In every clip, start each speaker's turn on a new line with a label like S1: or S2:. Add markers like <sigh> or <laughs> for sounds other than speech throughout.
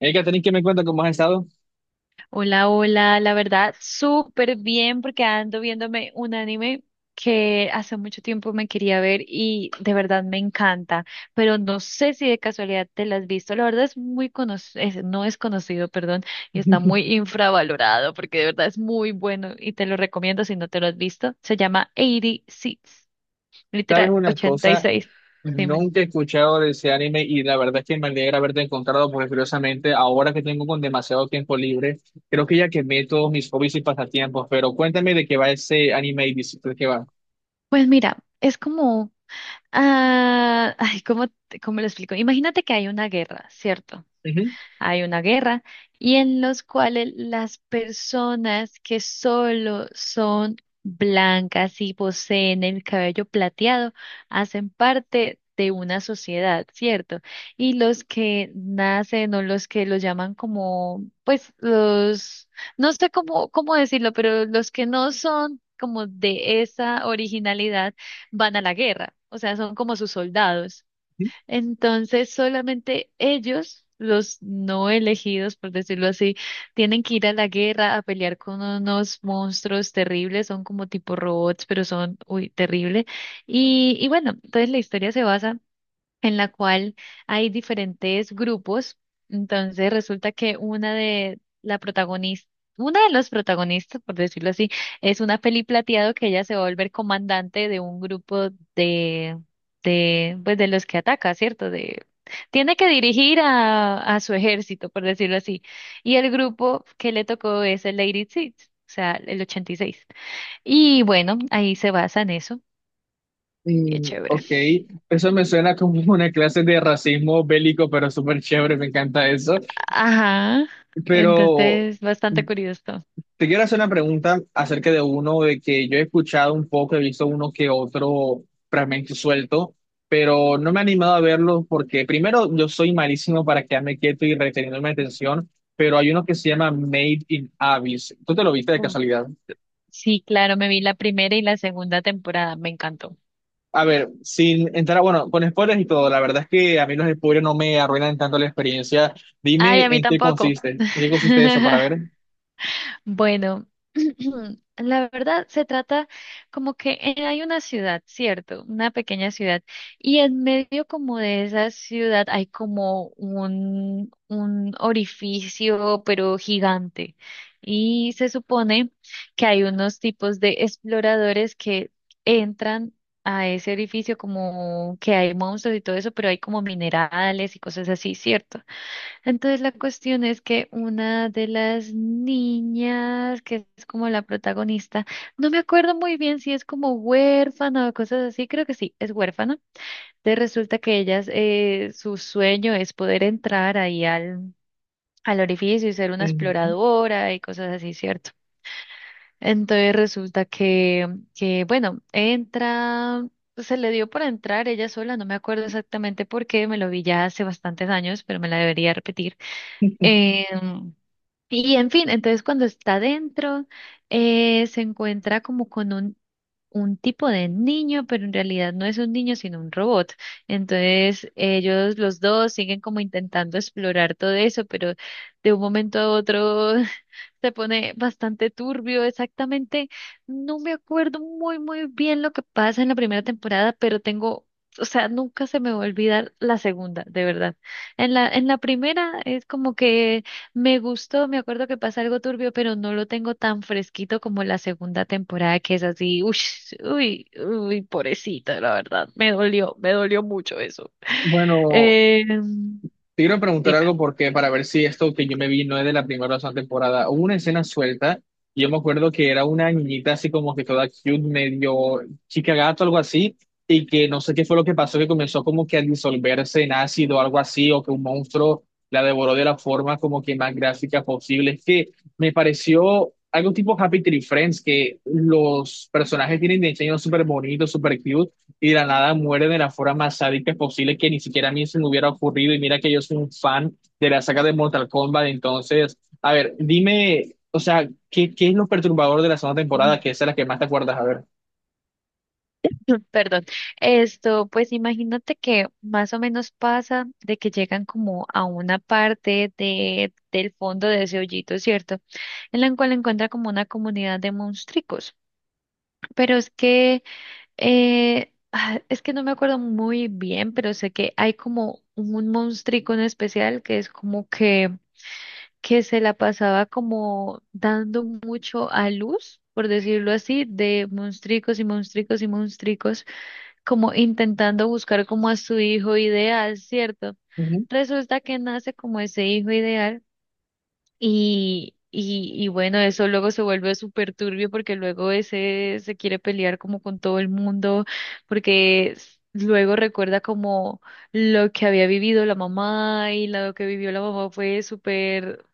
S1: Hay que tener que me cuenta cómo has estado.
S2: Hola, hola, la verdad, súper bien porque ando viéndome un anime que hace mucho tiempo me quería ver y de verdad me encanta, pero no sé si de casualidad te lo has visto, la verdad es muy conocido, no es conocido, perdón, y está muy
S1: <laughs>
S2: infravalorado porque de verdad es muy bueno y te lo recomiendo si no te lo has visto, se llama 86,
S1: ¿Sabes
S2: literal,
S1: una
S2: ochenta y
S1: cosa?
S2: seis. Dime.
S1: Nunca he escuchado de ese anime y la verdad es que me alegra haberte encontrado porque curiosamente ahora que tengo con demasiado tiempo libre, creo que ya quemé todos mis hobbies y pasatiempos, pero cuéntame de qué va ese anime y dices de qué va.
S2: Pues mira, es como, ah, ay, ¿cómo, cómo lo explico? Imagínate que hay una guerra, ¿cierto?
S1: Ujú,
S2: Hay una guerra y en los cuales las personas que solo son blancas y poseen el cabello plateado hacen parte de una sociedad, ¿cierto? Y los que nacen o los que los llaman como, pues los, no sé cómo decirlo, pero los que no son como de esa originalidad van a la guerra, o sea, son como sus soldados.
S1: ujú.
S2: Entonces, solamente ellos, los no elegidos, por decirlo así, tienen que ir a la guerra a pelear con unos monstruos terribles, son como tipo robots, pero son, uy, terrible. Y bueno, entonces la historia se basa en la cual hay diferentes grupos. Entonces resulta que una de la protagonista, una de los protagonistas, por decirlo así, es una peli plateado que ella se va a volver comandante de un grupo de, de, pues de los que ataca, ¿cierto? De, tiene que dirigir a su ejército, por decirlo así. Y el grupo que le tocó es el Lady Six, o sea, el 86. Y seis. Y bueno, ahí se basa en eso. Y es
S1: Mm,
S2: chévere.
S1: ok, eso me suena como <laughs> una clase de racismo bélico, pero súper chévere, me encanta eso.
S2: Ajá,
S1: Pero
S2: entonces bastante curioso.
S1: te quiero hacer una pregunta acerca de uno de que yo he escuchado un poco, he visto uno que otro fragmento suelto, pero no me he animado a verlo porque primero yo soy malísimo para quedarme quieto y reteniendo mi atención, pero hay uno que se llama Made in Abyss. ¿Tú te lo viste de
S2: Uf,
S1: casualidad?
S2: sí, claro, me vi la primera y la segunda temporada, me encantó.
S1: A ver, sin entrar, bueno, con spoilers y todo, la verdad es que a mí los spoilers no me arruinan tanto la experiencia.
S2: Ay,
S1: Dime
S2: a mí tampoco.
S1: en qué consiste eso para ver.
S2: <laughs> Bueno, <clears throat> la verdad se trata como que hay una ciudad, ¿cierto? Una pequeña ciudad. Y en medio como de esa ciudad hay como un orificio, pero gigante. Y se supone que hay unos tipos de exploradores que entran a ese orificio como que hay monstruos y todo eso, pero hay como minerales y cosas así, ¿cierto? Entonces la cuestión es que una de las niñas, que es como la protagonista, no me acuerdo muy bien si es como huérfana o cosas así, creo que sí, es huérfana. Entonces resulta que ellas, su sueño es poder entrar ahí al orificio y ser una
S1: Ujú.
S2: exploradora y cosas así, ¿cierto? Entonces resulta que, bueno, entra, se le dio por entrar ella sola, no me acuerdo exactamente por qué, me lo vi ya hace bastantes años, pero me la debería repetir. Em, y en fin, entonces cuando está dentro, se encuentra como con un tipo de niño, pero en realidad no es un niño, sino un robot. Entonces ellos los dos siguen como intentando explorar todo eso, pero de un momento a otro <laughs> se pone bastante turbio, exactamente. No me acuerdo muy, muy bien lo que pasa en la primera temporada, pero tengo, o sea, nunca se me va a olvidar la segunda, de verdad. En la primera es como que me gustó, me acuerdo que pasa algo turbio, pero no lo tengo tan fresquito como la segunda temporada, que es así, uy, uy, uy, pobrecita, la verdad. Me dolió mucho eso.
S1: Bueno.
S2: Eh,
S1: Te quiero preguntar
S2: Dime.
S1: algo porque para ver si esto que yo me vi no es de la primera o segunda temporada. Hubo una escena suelta y yo me acuerdo que era una niñita así como que toda cute, medio chica gato, algo así, y que no sé qué fue lo que pasó, que comenzó como que a disolverse en ácido o algo así, o que un monstruo la devoró de la forma como que más gráfica posible. Es que me pareció algo tipo Happy Tree Friends, que los personajes tienen diseños súper bonitos, súper cute y de la nada muere de la forma más sádica posible que ni siquiera a mí se me hubiera ocurrido. Y mira que yo soy un fan de la saga de Mortal Kombat. Entonces, a ver, dime, o sea, ¿qué, qué es lo perturbador de la segunda temporada? Que esa es la que más te acuerdas, a ver.
S2: <laughs> Perdón. Esto, pues imagínate que más o menos pasa de que llegan como a una parte del fondo de ese hoyito, ¿cierto? En la cual encuentra como una comunidad de monstruos. Pero es que no me acuerdo muy bien, pero sé que hay como un monstrico en especial que es como que se la pasaba como dando mucho a luz, por decirlo así, de monstricos y monstricos y monstricos como intentando buscar como a su hijo ideal, ¿cierto? Resulta que nace como ese hijo ideal y bueno, eso luego se vuelve súper turbio porque luego ese se quiere pelear como con todo el mundo porque luego recuerda como lo que había vivido la mamá y lo que vivió la mamá fue súper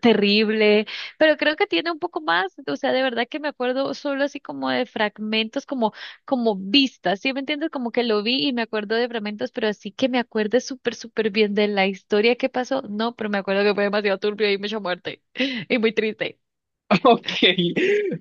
S2: terrible, pero creo que tiene un poco más, o sea, de verdad que me acuerdo solo así como de fragmentos, como vistas, ¿sí me entiendes? Como que lo vi y me acuerdo de fragmentos, pero así que me acuerdo súper, súper bien de la historia que pasó, no, pero me acuerdo que fue demasiado turbio y mucha muerte <laughs> y muy triste.
S1: <laughs> Ok,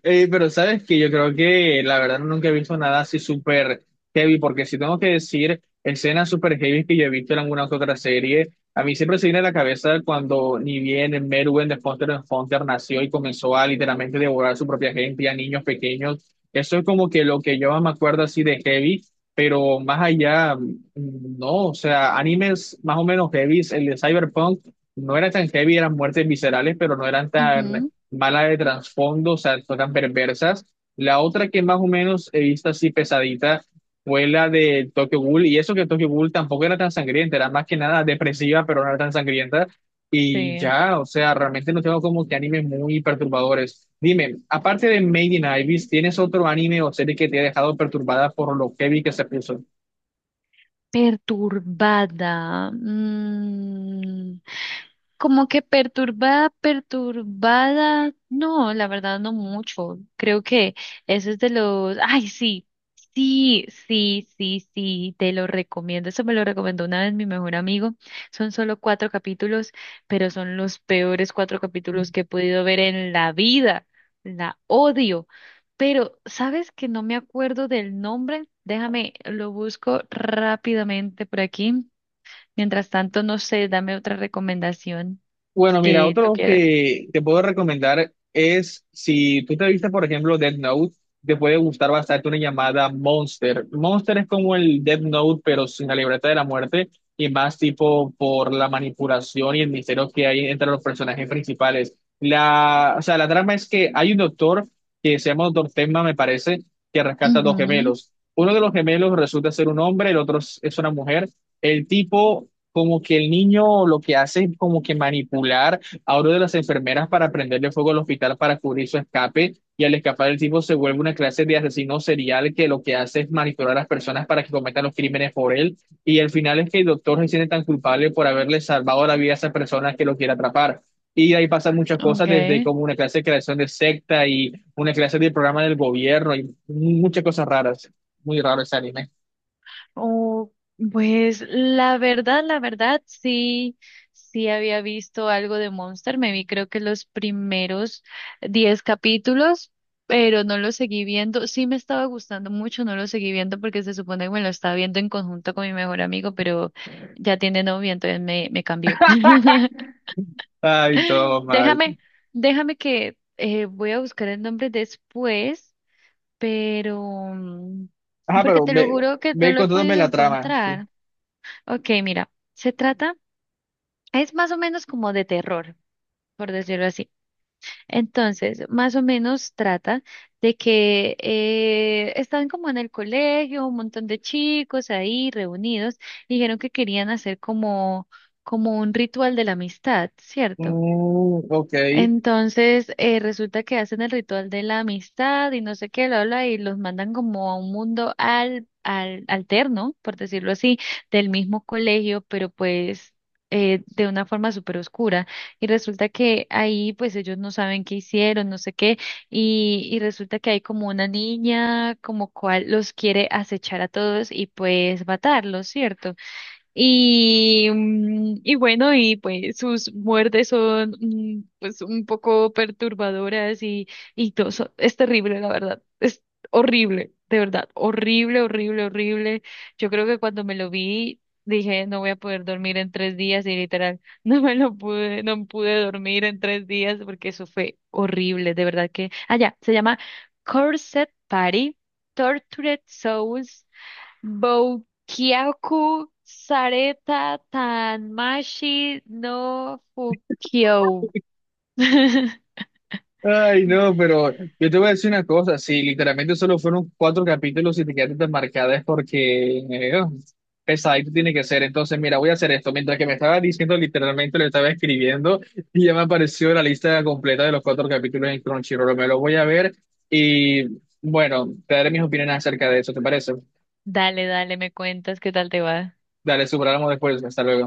S1: Pero sabes que yo creo que la verdad nunca he visto nada así súper heavy, porque si tengo que decir escenas súper heavy que yo he visto en alguna que otra serie, a mí siempre se viene a la cabeza cuando ni bien Merwin de Hunter x Hunter nació y comenzó a literalmente devorar a su propia gente, a niños pequeños. Eso es como que lo que yo me acuerdo así de heavy, pero más allá, mm, no, o sea, animes más o menos heavy, el de Cyberpunk no era tan heavy, eran muertes viscerales, pero no eran tan
S2: Ujú.
S1: mala de trasfondo, o sea, son tan perversas. La otra que más o menos he visto así pesadita fue la de Tokyo Ghoul, y eso que Tokyo Ghoul tampoco era tan sangrienta, era más que nada depresiva, pero no era tan sangrienta. Y
S2: Sí.
S1: ya, o sea, realmente no tengo como que animes muy perturbadores. Dime, aparte de Made in Abyss, ¿tienes otro anime o serie que te ha dejado perturbada por lo heavy que se puso?
S2: Perturbada. Como que perturbada, perturbada, no, la verdad no mucho. Creo que eso es de los, ay, sí, sí, sí, sí, sí, te lo recomiendo. Eso me lo recomendó una vez mi mejor amigo. Son solo cuatro capítulos, pero son los peores cuatro capítulos que he podido ver en la vida. La odio. Pero, ¿sabes que no me acuerdo del nombre? Déjame, lo busco rápidamente por aquí. Mientras tanto, no sé, dame otra recomendación
S1: Bueno, mira,
S2: que tú
S1: otro
S2: quieras.
S1: que te puedo recomendar es si tú te viste, por ejemplo, Death Note, te puede gustar bastante una llamada Monster. Monster es como el Death Note, pero sin la libreta de la muerte y más tipo por la manipulación y el misterio que hay entre los personajes principales. La, o sea, la trama es que hay un doctor que se llama Doctor Tenma, me parece, que rescata dos
S2: Ujú,
S1: gemelos. Uno de los gemelos resulta ser un hombre, el otro es una mujer. El tipo como que el niño lo que hace es como que manipular a uno de las enfermeras para prenderle fuego al hospital para cubrir su escape y al escapar el tipo se vuelve una clase de asesino serial que lo que hace es manipular a las personas para que cometan los crímenes por él y al final es que el doctor se siente tan culpable por haberle salvado la vida a esa persona que lo quiere atrapar. Y ahí pasan muchas cosas, desde
S2: okay.
S1: como una clase de creación de secta y una clase de programa del gobierno y muchas cosas raras. Muy raro ese anime.
S2: Oh, pues la verdad, sí, sí había visto algo de Monster. Me vi creo que los primeros 10 capítulos, pero no lo seguí viendo. Sí me estaba gustando mucho, no lo seguí viendo porque se supone que me lo estaba viendo en conjunto con mi mejor amigo, pero ya tiene novio, entonces me cambió. <laughs>
S1: Ay, todo mal.
S2: Déjame, déjame que voy a buscar el nombre después, pero mm,
S1: Ajá,
S2: porque
S1: pero
S2: te lo
S1: ve,
S2: juro que no
S1: ve
S2: lo he
S1: contándome
S2: podido
S1: la trama, sí.
S2: encontrar. Ok, mira, se trata, es más o menos como de terror, por decirlo así. Entonces, más o menos trata de que están como en el colegio, un montón de chicos ahí reunidos, y dijeron que querían hacer como un ritual de la amistad, ¿cierto?
S1: Mm, ok.
S2: Entonces, resulta que hacen el ritual de la amistad y no sé qué, lo habla y los mandan como a un mundo al alterno, por decirlo así, del mismo colegio, pero pues de una forma súper oscura. Y resulta que ahí pues ellos no saben qué hicieron, no sé qué, y resulta que hay como una niña como cual los quiere acechar a todos y pues matarlos, ¿cierto? Y bueno, y pues sus muertes son pues un poco perturbadoras y todo eso. Es terrible, la verdad. Es horrible, de verdad. Horrible, horrible, horrible. Yo creo que cuando me lo vi, dije, no voy a poder dormir en 3 días y literal, <laughs> no pude dormir en 3 días porque eso fue horrible, de verdad que. Ah, ya, se llama Corset Party, Tortured Souls. Boukyaku, Sareta, Tanmashi, no Fukyo. <laughs>
S1: Ay, no, pero yo te voy a decir una cosa, si literalmente solo fueron cuatro capítulos y te quedaste tan marcada es porque oh, pesadito tiene que ser. Entonces, mira, voy a hacer esto. Mientras que me estaba diciendo, literalmente lo estaba escribiendo y ya me apareció la lista completa de los cuatro capítulos en Crunchyroll. Me lo voy a ver y bueno, te daré mis opiniones acerca de eso, ¿te parece?
S2: Dale, dale, me cuentas qué tal te va.
S1: Dale, superamos después. Hasta luego.